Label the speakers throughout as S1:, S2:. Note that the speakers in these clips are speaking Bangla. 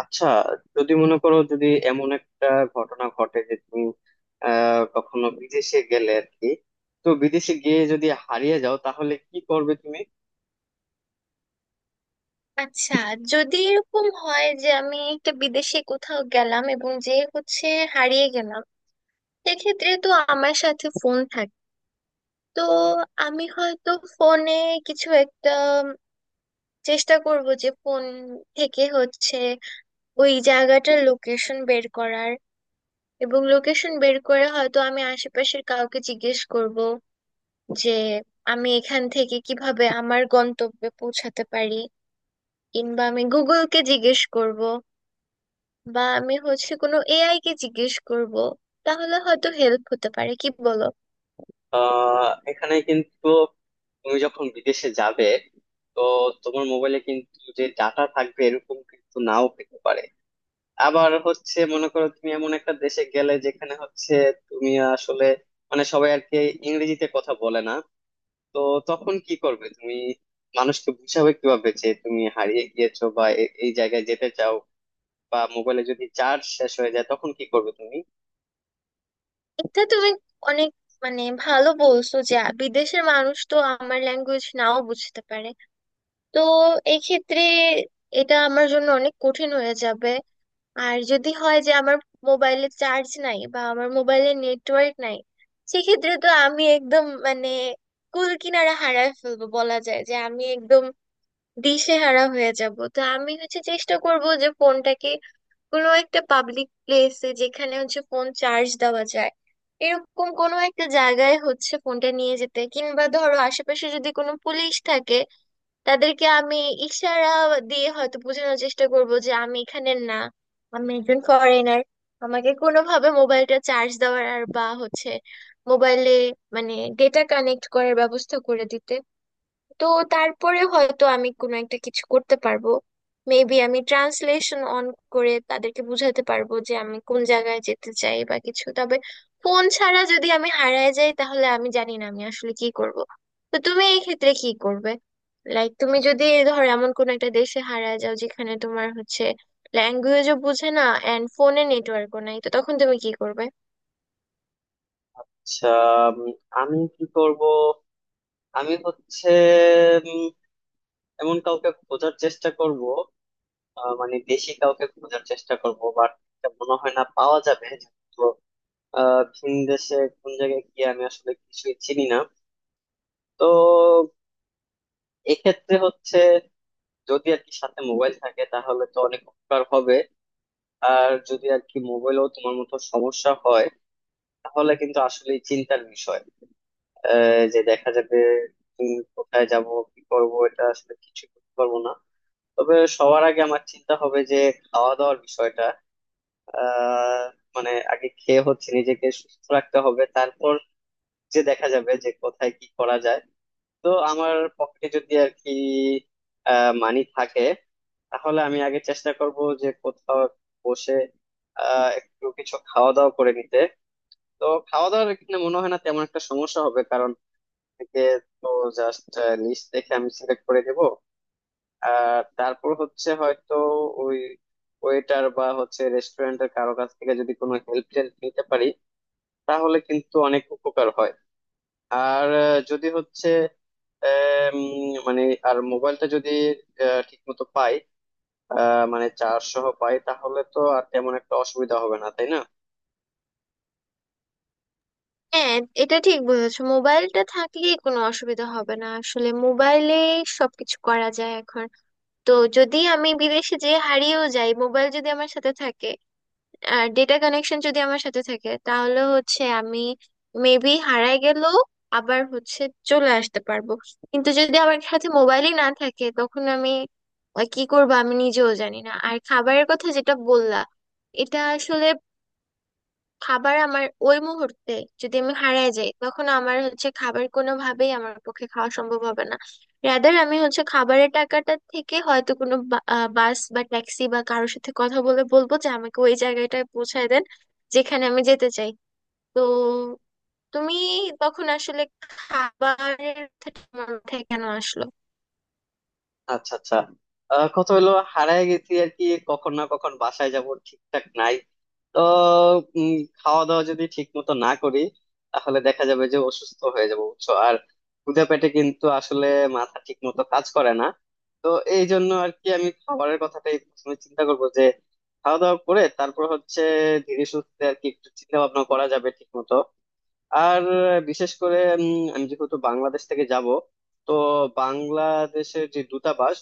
S1: আচ্ছা, যদি মনে করো যদি এমন একটা ঘটনা ঘটে যে তুমি কখনো বিদেশে গেলে আর কি, তো বিদেশে গিয়ে যদি হারিয়ে যাও তাহলে কি করবে তুমি?
S2: আচ্ছা, যদি এরকম হয় যে আমি একটা বিদেশে কোথাও গেলাম এবং যে হচ্ছে হারিয়ে গেলাম, সেক্ষেত্রে তো আমার সাথে ফোন থাকে। তো আমি হয়তো ফোনে কিছু একটা চেষ্টা করব যে ফোন থেকে ওই জায়গাটার লোকেশন বের করার, এবং লোকেশন বের করে হয়তো আমি আশেপাশের কাউকে জিজ্ঞেস করব যে আমি এখান থেকে কিভাবে আমার গন্তব্যে পৌঁছাতে পারি, কিংবা আমি গুগলকে জিজ্ঞেস করব, বা আমি কোনো এআই কে জিজ্ঞেস করব। তাহলে হয়তো হেল্প হতে পারে, কি বলো?
S1: এখানে কিন্তু তুমি যখন বিদেশে যাবে, তো তোমার মোবাইলে কিন্তু যে ডাটা থাকবে এরকম কিন্তু নাও পেতে পারে। আবার হচ্ছে, মনে করো তুমি এমন একটা দেশে গেলে যেখানে হচ্ছে তুমি আসলে মানে সবাই আর কি ইংরেজিতে কথা বলে না। তো তখন কি করবে তুমি? মানুষকে বুঝাবে কিভাবে যে তুমি হারিয়ে গিয়েছো বা এই জায়গায় যেতে চাও, বা মোবাইলে যদি চার্জ শেষ হয়ে যায় তখন কি করবে তুমি?
S2: এটা তুমি অনেক মানে ভালো বলছো যে বিদেশের মানুষ তো আমার ল্যাঙ্গুয়েজ নাও বুঝতে পারে। তো এই ক্ষেত্রে এটা আমার জন্য অনেক কঠিন হয়ে যাবে। আর যদি হয় যে আমার মোবাইলে চার্জ নাই বা আমার মোবাইলে নেটওয়ার্ক নাই, সেক্ষেত্রে তো আমি একদম মানে কুল কিনারা হারায় ফেলবো, বলা যায় যে আমি একদম দিশেহারা হয়ে যাব। তো আমি চেষ্টা করব যে ফোনটাকে কোনো একটা পাবলিক প্লেসে যেখানে হচ্ছে ফোন চার্জ দেওয়া যায়, এরকম কোনো একটা জায়গায় হচ্ছে ফোনটা নিয়ে যেতে, কিংবা ধরো আশেপাশে যদি কোনো পুলিশ থাকে, তাদেরকে আমি ইশারা দিয়ে হয়তো বোঝানোর চেষ্টা করব যে আমি এখানে না, আমি একজন ফরেনার। আমাকে কোনোভাবে মোবাইলটা চার্জ দেওয়ার আর বা মোবাইলে মানে ডেটা কানেক্ট করার ব্যবস্থা করে দিতে। তো তারপরে হয়তো আমি কোনো একটা কিছু করতে পারবো। মেবি আমি ট্রান্সলেশন অন করে তাদেরকে বুঝাতে পারবো যে আমি কোন জায়গায় যেতে চাই বা কিছু। তবে ফোন ছাড়া যদি আমি হারিয়ে যাই তাহলে আমি জানি না আমি আসলে কি করব। তো তুমি এই ক্ষেত্রে কি করবে? লাইক তুমি যদি ধরো এমন কোন একটা দেশে হারিয়ে যাও যেখানে তোমার ল্যাঙ্গুয়েজও বুঝে না এন্ড ফোনে নেটওয়ার্কও নাই, তো তখন তুমি কি করবে?
S1: আচ্ছা, উম, আমি কি করব? আমি হচ্ছে উম, এমন কাউকে খোঁজার চেষ্টা করব। মানে দেশি কাউকে খোঁজার চেষ্টা করব, বাট মনে হয় না পাওয়া যাবে। তো ভিন দেশে কোন জায়গায় গিয়ে আমি আসলে কিছুই চিনি না। তো এক্ষেত্রে হচ্ছে যদি আর কি সাথে মোবাইল থাকে তাহলে তো অনেক উপকার হবে। আর যদি আর কি মোবাইলও তোমার মতো সমস্যা হয়, তাহলে কিন্তু আসলে চিন্তার বিষয়। যে দেখা যাবে কোথায় যাব কি করব, এটা আসলে কিছু করতে পারবো না। তবে সবার আগে আমার চিন্তা হবে যে খাওয়া দাওয়ার বিষয়টা। আহ মানে আগে খেয়ে হচ্ছে নিজেকে সুস্থ রাখতে হবে, তারপর যে দেখা যাবে যে কোথায় কি করা যায়। তো আমার পকেটে যদি আর কি মানি থাকে, তাহলে আমি আগে চেষ্টা করব যে কোথাও বসে একটু কিছু খাওয়া দাওয়া করে নিতে। তো খাওয়া দাওয়ার এখানে মনে হয় না তেমন একটা সমস্যা হবে, কারণ থেকে তো জাস্ট লিস্ট দেখে আমি সিলেক্ট করে দেব। আর তারপর হচ্ছে হয়তো ওই ওয়েটার বা হচ্ছে রেস্টুরেন্টের কারো কাছ থেকে যদি কোনো হেল্প টেল্প নিতে পারি, তাহলে কিন্তু অনেক উপকার হয়। আর যদি হচ্ছে মানে আর মোবাইলটা যদি ঠিক মতো পাই মানে 400 পাই, তাহলে তো আর তেমন একটা অসুবিধা হবে না তাই না?
S2: হ্যাঁ, এটা ঠিক বলেছো, মোবাইলটা থাকলেই কোনো অসুবিধা হবে না। আসলে মোবাইলে সবকিছু করা যায় এখন। তো যদি আমি বিদেশে যেয়ে হারিয়েও যাই, মোবাইল যদি আমার সাথে থাকে আর ডেটা কানেকশন যদি আমার সাথে থাকে, তাহলে হচ্ছে আমি মেবি হারায় গেলেও আবার চলে আসতে পারবো। কিন্তু যদি আমার সাথে মোবাইলই না থাকে, তখন আমি কি করবো আমি নিজেও জানি না। আর খাবারের কথা যেটা বললা, এটা আসলে খাবার আমার ওই মুহূর্তে, যদি আমি হারিয়ে যাই তখন আমার হচ্ছে খাবার কোনোভাবেই আমার পক্ষে খাওয়া সম্ভব হবে না। রাদার আমি হচ্ছে খাবারের টাকাটা থেকে হয়তো কোনো বাস বা ট্যাক্সি বা কারোর সাথে কথা বলে বলবো যে আমাকে ওই জায়গাটায় পৌঁছায় দেন যেখানে আমি যেতে চাই। তো তুমি তখন আসলে খাবারের কথাটা তোমার মাথায় কেন আসলো?
S1: আচ্ছা, আচ্ছা। কথা হলো হারায় গেছি আর কি। কখন না কখন বাসায় যাব ঠিকঠাক নাই, তো খাওয়া দাওয়া যদি ঠিক মতো না করি তাহলে দেখা যাবে যে অসুস্থ হয়ে যাবো বুঝছো। আর ক্ষুধা পেটে কিন্তু আসলে মাথা ঠিক মতো কাজ করে না। তো এই জন্য আর কি আমি খাবারের কথাটাই প্রথমে চিন্তা করবো, যে খাওয়া দাওয়া করে তারপর হচ্ছে ধীরে সুস্থে আর কি একটু চিন্তা ভাবনা করা যাবে ঠিক মতো। আর বিশেষ করে আমি যেহেতু বাংলাদেশ থেকে যাব, তো বাংলাদেশের যে দূতাবাস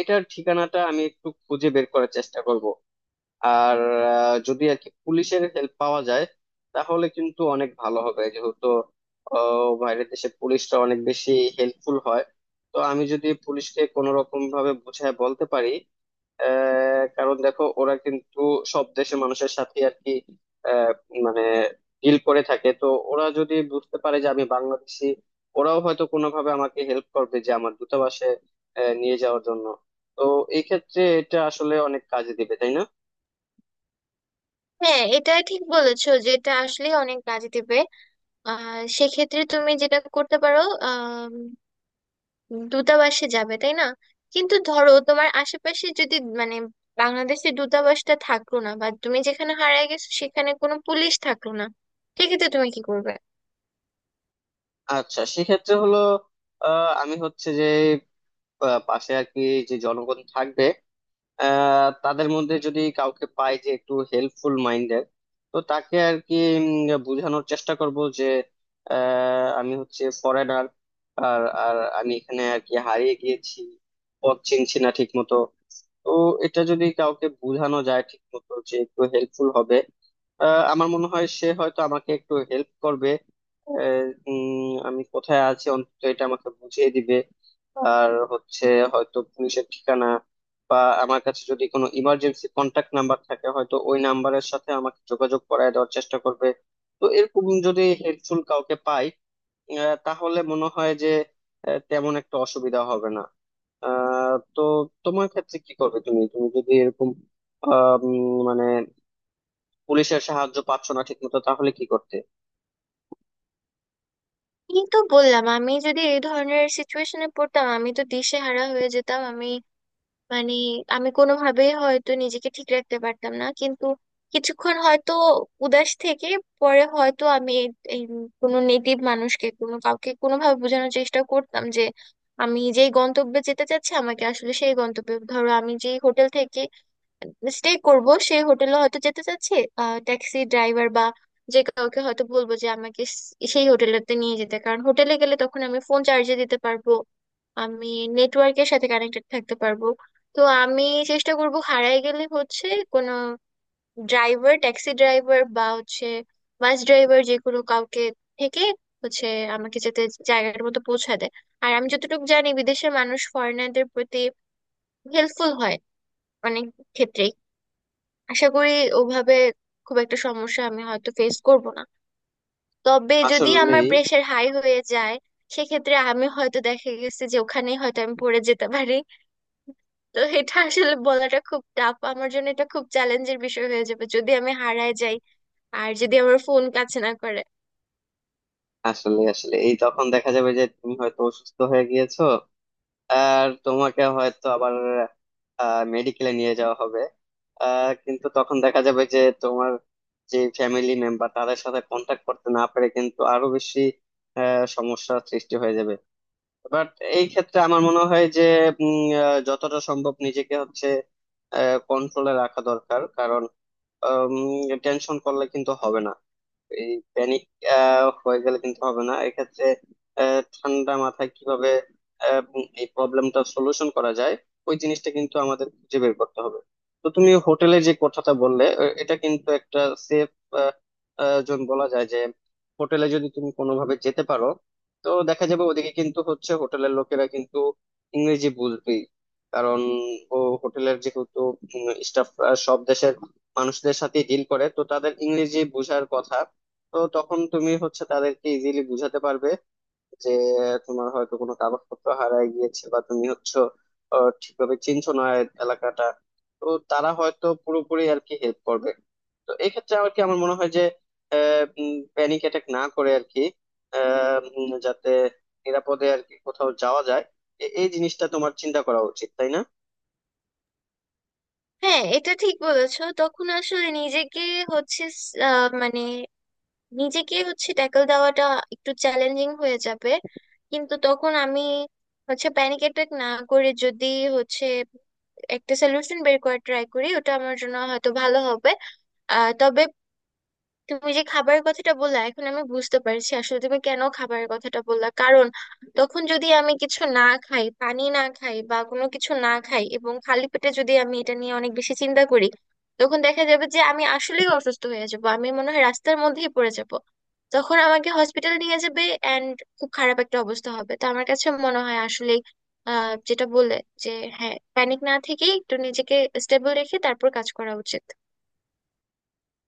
S1: এটার ঠিকানাটা আমি একটু খুঁজে বের করার চেষ্টা করব। আর যদি আর কি পুলিশের হেল্প পাওয়া যায় তাহলে কিন্তু অনেক ভালো হবে, যেহেতু বাইরের দেশে পুলিশটা অনেক বেশি হেল্পফুল হয়। তো আমি যদি পুলিশকে কোনো রকম ভাবে বুঝায় বলতে পারি। কারণ দেখো ওরা কিন্তু সব দেশের মানুষের সাথে আর কি আহ, মানে ডিল করে থাকে, তো ওরা যদি বুঝতে পারে যে আমি বাংলাদেশি, ওরাও হয়তো কোনোভাবে আমাকে হেল্প করবে যে আমার দূতাবাসে নিয়ে যাওয়ার জন্য। তো এই ক্ষেত্রে এটা আসলে অনেক কাজে দিবে তাই না?
S2: হ্যাঁ, এটা ঠিক বলেছো যে এটা আসলে অনেক কাজে দেবে। আহ, সেক্ষেত্রে তুমি যেটা করতে পারো, দূতাবাসে যাবে তাই না? কিন্তু ধরো তোমার আশেপাশে যদি মানে বাংলাদেশের দূতাবাসটা থাকলো না, বা তুমি যেখানে হারিয়ে গেছো সেখানে কোনো পুলিশ থাকলো না, সেক্ষেত্রে তুমি কি করবে?
S1: আচ্ছা, সেক্ষেত্রে হলো আমি হচ্ছে যে পাশে আর কি যে জনগণ থাকবে। তাদের মধ্যে যদি কাউকে পাই যে একটু হেল্পফুল মাইন্ডের, তো তাকে আর কি বোঝানোর চেষ্টা করব যে আমি হচ্ছে ফরেনার। আর আর আমি এখানে আর কি হারিয়ে গিয়েছি, পথ চিনছি না ঠিক মতো। তো এটা যদি কাউকে বোঝানো যায় ঠিক মতো যে একটু হেল্পফুল হবে, আমার মনে হয় সে হয়তো আমাকে একটু হেল্প করবে। আহ, আমি কোথায় আছি অন্তত এটা আমাকে বুঝিয়ে দিবে। আর হচ্ছে হয়তো পুলিশের ঠিকানা, বা আমার কাছে যদি কোনো ইমার্জেন্সি কন্ট্যাক্ট নাম্বার থাকে হয়তো ওই নাম্বারের সাথে আমাকে যোগাযোগ করায় দেওয়ার চেষ্টা করবে। তো এরকম যদি হেল্পফুল কাউকে পাই, তাহলে মনে হয় যে তেমন একটা অসুবিধা হবে না। তো তোমার ক্ষেত্রে কি করবে তুমি তুমি যদি এরকম মানে পুলিশের সাহায্য পাচ্ছ না ঠিকমতো, তাহলে কি করতে?
S2: এই তো বললাম, আমি যদি এই ধরনের সিচুয়েশনে পড়তাম আমি তো দিশেহারা হয়ে যেতাম। আমি মানে আমি কোনোভাবেই হয়তো নিজেকে ঠিক রাখতে পারতাম না। কিন্তু কিছুক্ষণ হয়তো উদাস থেকে পরে হয়তো আমি এই এই কোনো নেটিভ মানুষকে, কোনো কাউকে কোনোভাবে বোঝানোর চেষ্টা করতাম যে আমি যেই গন্তব্যে যেতে চাচ্ছি আমাকে আসলে সেই গন্তব্যে, ধরো আমি যেই হোটেল থেকে স্টে করব সেই হোটেলে হয়তো যেতে চাচ্ছি, ট্যাক্সি ড্রাইভার বা যে কাউকে হয়তো বলবো যে আমাকে সেই হোটেলেতে নিয়ে যেতে। কারণ হোটেলে গেলে তখন আমি ফোন চার্জে দিতে পারবো, আমি নেটওয়ার্কের সাথে কানেক্টেড থাকতে পারবো। তো আমি চেষ্টা করব হারায় গেলে হচ্ছে কোনো ড্রাইভার, ট্যাক্সি ড্রাইভার বা হচ্ছে বাস ড্রাইভার, যে কোনো কাউকে থেকে হচ্ছে আমাকে যেতে জায়গাটার মতো পৌঁছা দেয়। আর আমি যতটুকু জানি বিদেশের মানুষ ফরেনারদের প্রতি হেল্পফুল হয় অনেক ক্ষেত্রে। আশা করি ওভাবে খুব একটা সমস্যা আমি হয়তো ফেস করব না। তবে যদি
S1: আসলে
S2: আমার প্রেশার হাই হয়ে যায়, সেক্ষেত্রে আমি হয়তো, দেখা গেছে যে ওখানেই হয়তো আমি পড়ে যেতে পারি। তো এটা আসলে বলাটা খুব টাফ, আমার জন্য এটা খুব চ্যালেঞ্জের বিষয় হয়ে যাবে যদি আমি হারায় যাই আর যদি আমার ফোন কাজ না করে।
S1: আসলে আসলে এই তখন দেখা যাবে যে তুমি হয়তো অসুস্থ হয়ে গিয়েছো, আর তোমাকে হয়তো আবার মেডিকেলে নিয়ে যাওয়া হবে। কিন্তু তখন দেখা যাবে যে তোমার যে ফ্যামিলি মেম্বার তাদের সাথে কন্ট্যাক্ট করতে না পেরে কিন্তু আরো বেশি সমস্যার সৃষ্টি হয়ে যাবে। বাট এই ক্ষেত্রে আমার মনে হয় যে যতটা সম্ভব নিজেকে হচ্ছে কন্ট্রোলে রাখা দরকার, কারণ টেনশন করলে কিন্তু হবে না। এই প্যানিক হয়ে গেলে কিন্তু হবে না এক্ষেত্রে। ঠান্ডা মাথায় কিভাবে এই প্রবলেমটা সলিউশন করা যায়, ওই জিনিসটা কিন্তু আমাদের খুঁজে বের করতে হবে। তো তুমি হোটেলে যে কথাটা বললে, এটা কিন্তু একটা সেফ জোন বলা যায় যে হোটেলে যদি তুমি কোনোভাবে যেতে পারো, তো দেখা যাবে ওদিকে কিন্তু হচ্ছে হোটেলের লোকেরা কিন্তু ইংরেজি বুঝবেই। কারণ ও হোটেলের যেহেতু স্টাফ সব দেশের মানুষদের সাথে ডিল করে, তো তাদের ইংরেজি বোঝার কথা। তো তখন তুমি হচ্ছে তাদেরকে ইজিলি বুঝাতে পারবে যে তোমার হয়তো কোনো কাগজপত্র হারায় গিয়েছে, বা তুমি হচ্ছে ঠিকভাবে চিনছো না এলাকাটা। তো তারা হয়তো পুরোপুরি আর কি হেল্প করবে। তো এক্ষেত্রে আর কি আমার মনে হয় যে প্যানিক অ্যাটাক না করে আর কি যাতে নিরাপদে আর কি কোথাও যাওয়া যায়, এই জিনিসটা তোমার চিন্তা করা উচিত তাই না?
S2: হ্যাঁ, এটা ঠিক বলেছো, তখন আসলে হচ্ছে আহ, মানে নিজেকে হচ্ছে ট্যাকল দেওয়াটা একটু চ্যালেঞ্জিং হয়ে যাবে। কিন্তু তখন আমি প্যানিক অ্যাটাক না করে যদি হচ্ছে একটা সলিউশন বের করার ট্রাই করি, ওটা আমার জন্য হয়তো ভালো হবে। আহ, তবে তুমি যে খাবারের কথাটা বললা, এখন আমি বুঝতে পারছি আসলে তুমি কেন খাবারের কথাটা বললা। কারণ তখন যদি আমি কিছু না খাই, পানি না খাই বা কোনো কিছু না খাই, এবং খালি পেটে যদি আমি এটা নিয়ে অনেক বেশি চিন্তা করি, তখন দেখা যাবে যে আমি আসলেই অসুস্থ হয়ে যাব, আমি মনে হয় রাস্তার মধ্যেই পড়ে যাব। তখন আমাকে হসপিটাল নিয়ে যাবে এন্ড খুব খারাপ একটা অবস্থা হবে। তো আমার কাছে মনে হয় আসলে, আহ, যেটা বললে, যে হ্যাঁ, প্যানিক না থেকেই একটু নিজেকে স্টেবল রেখে তারপর কাজ করা উচিত।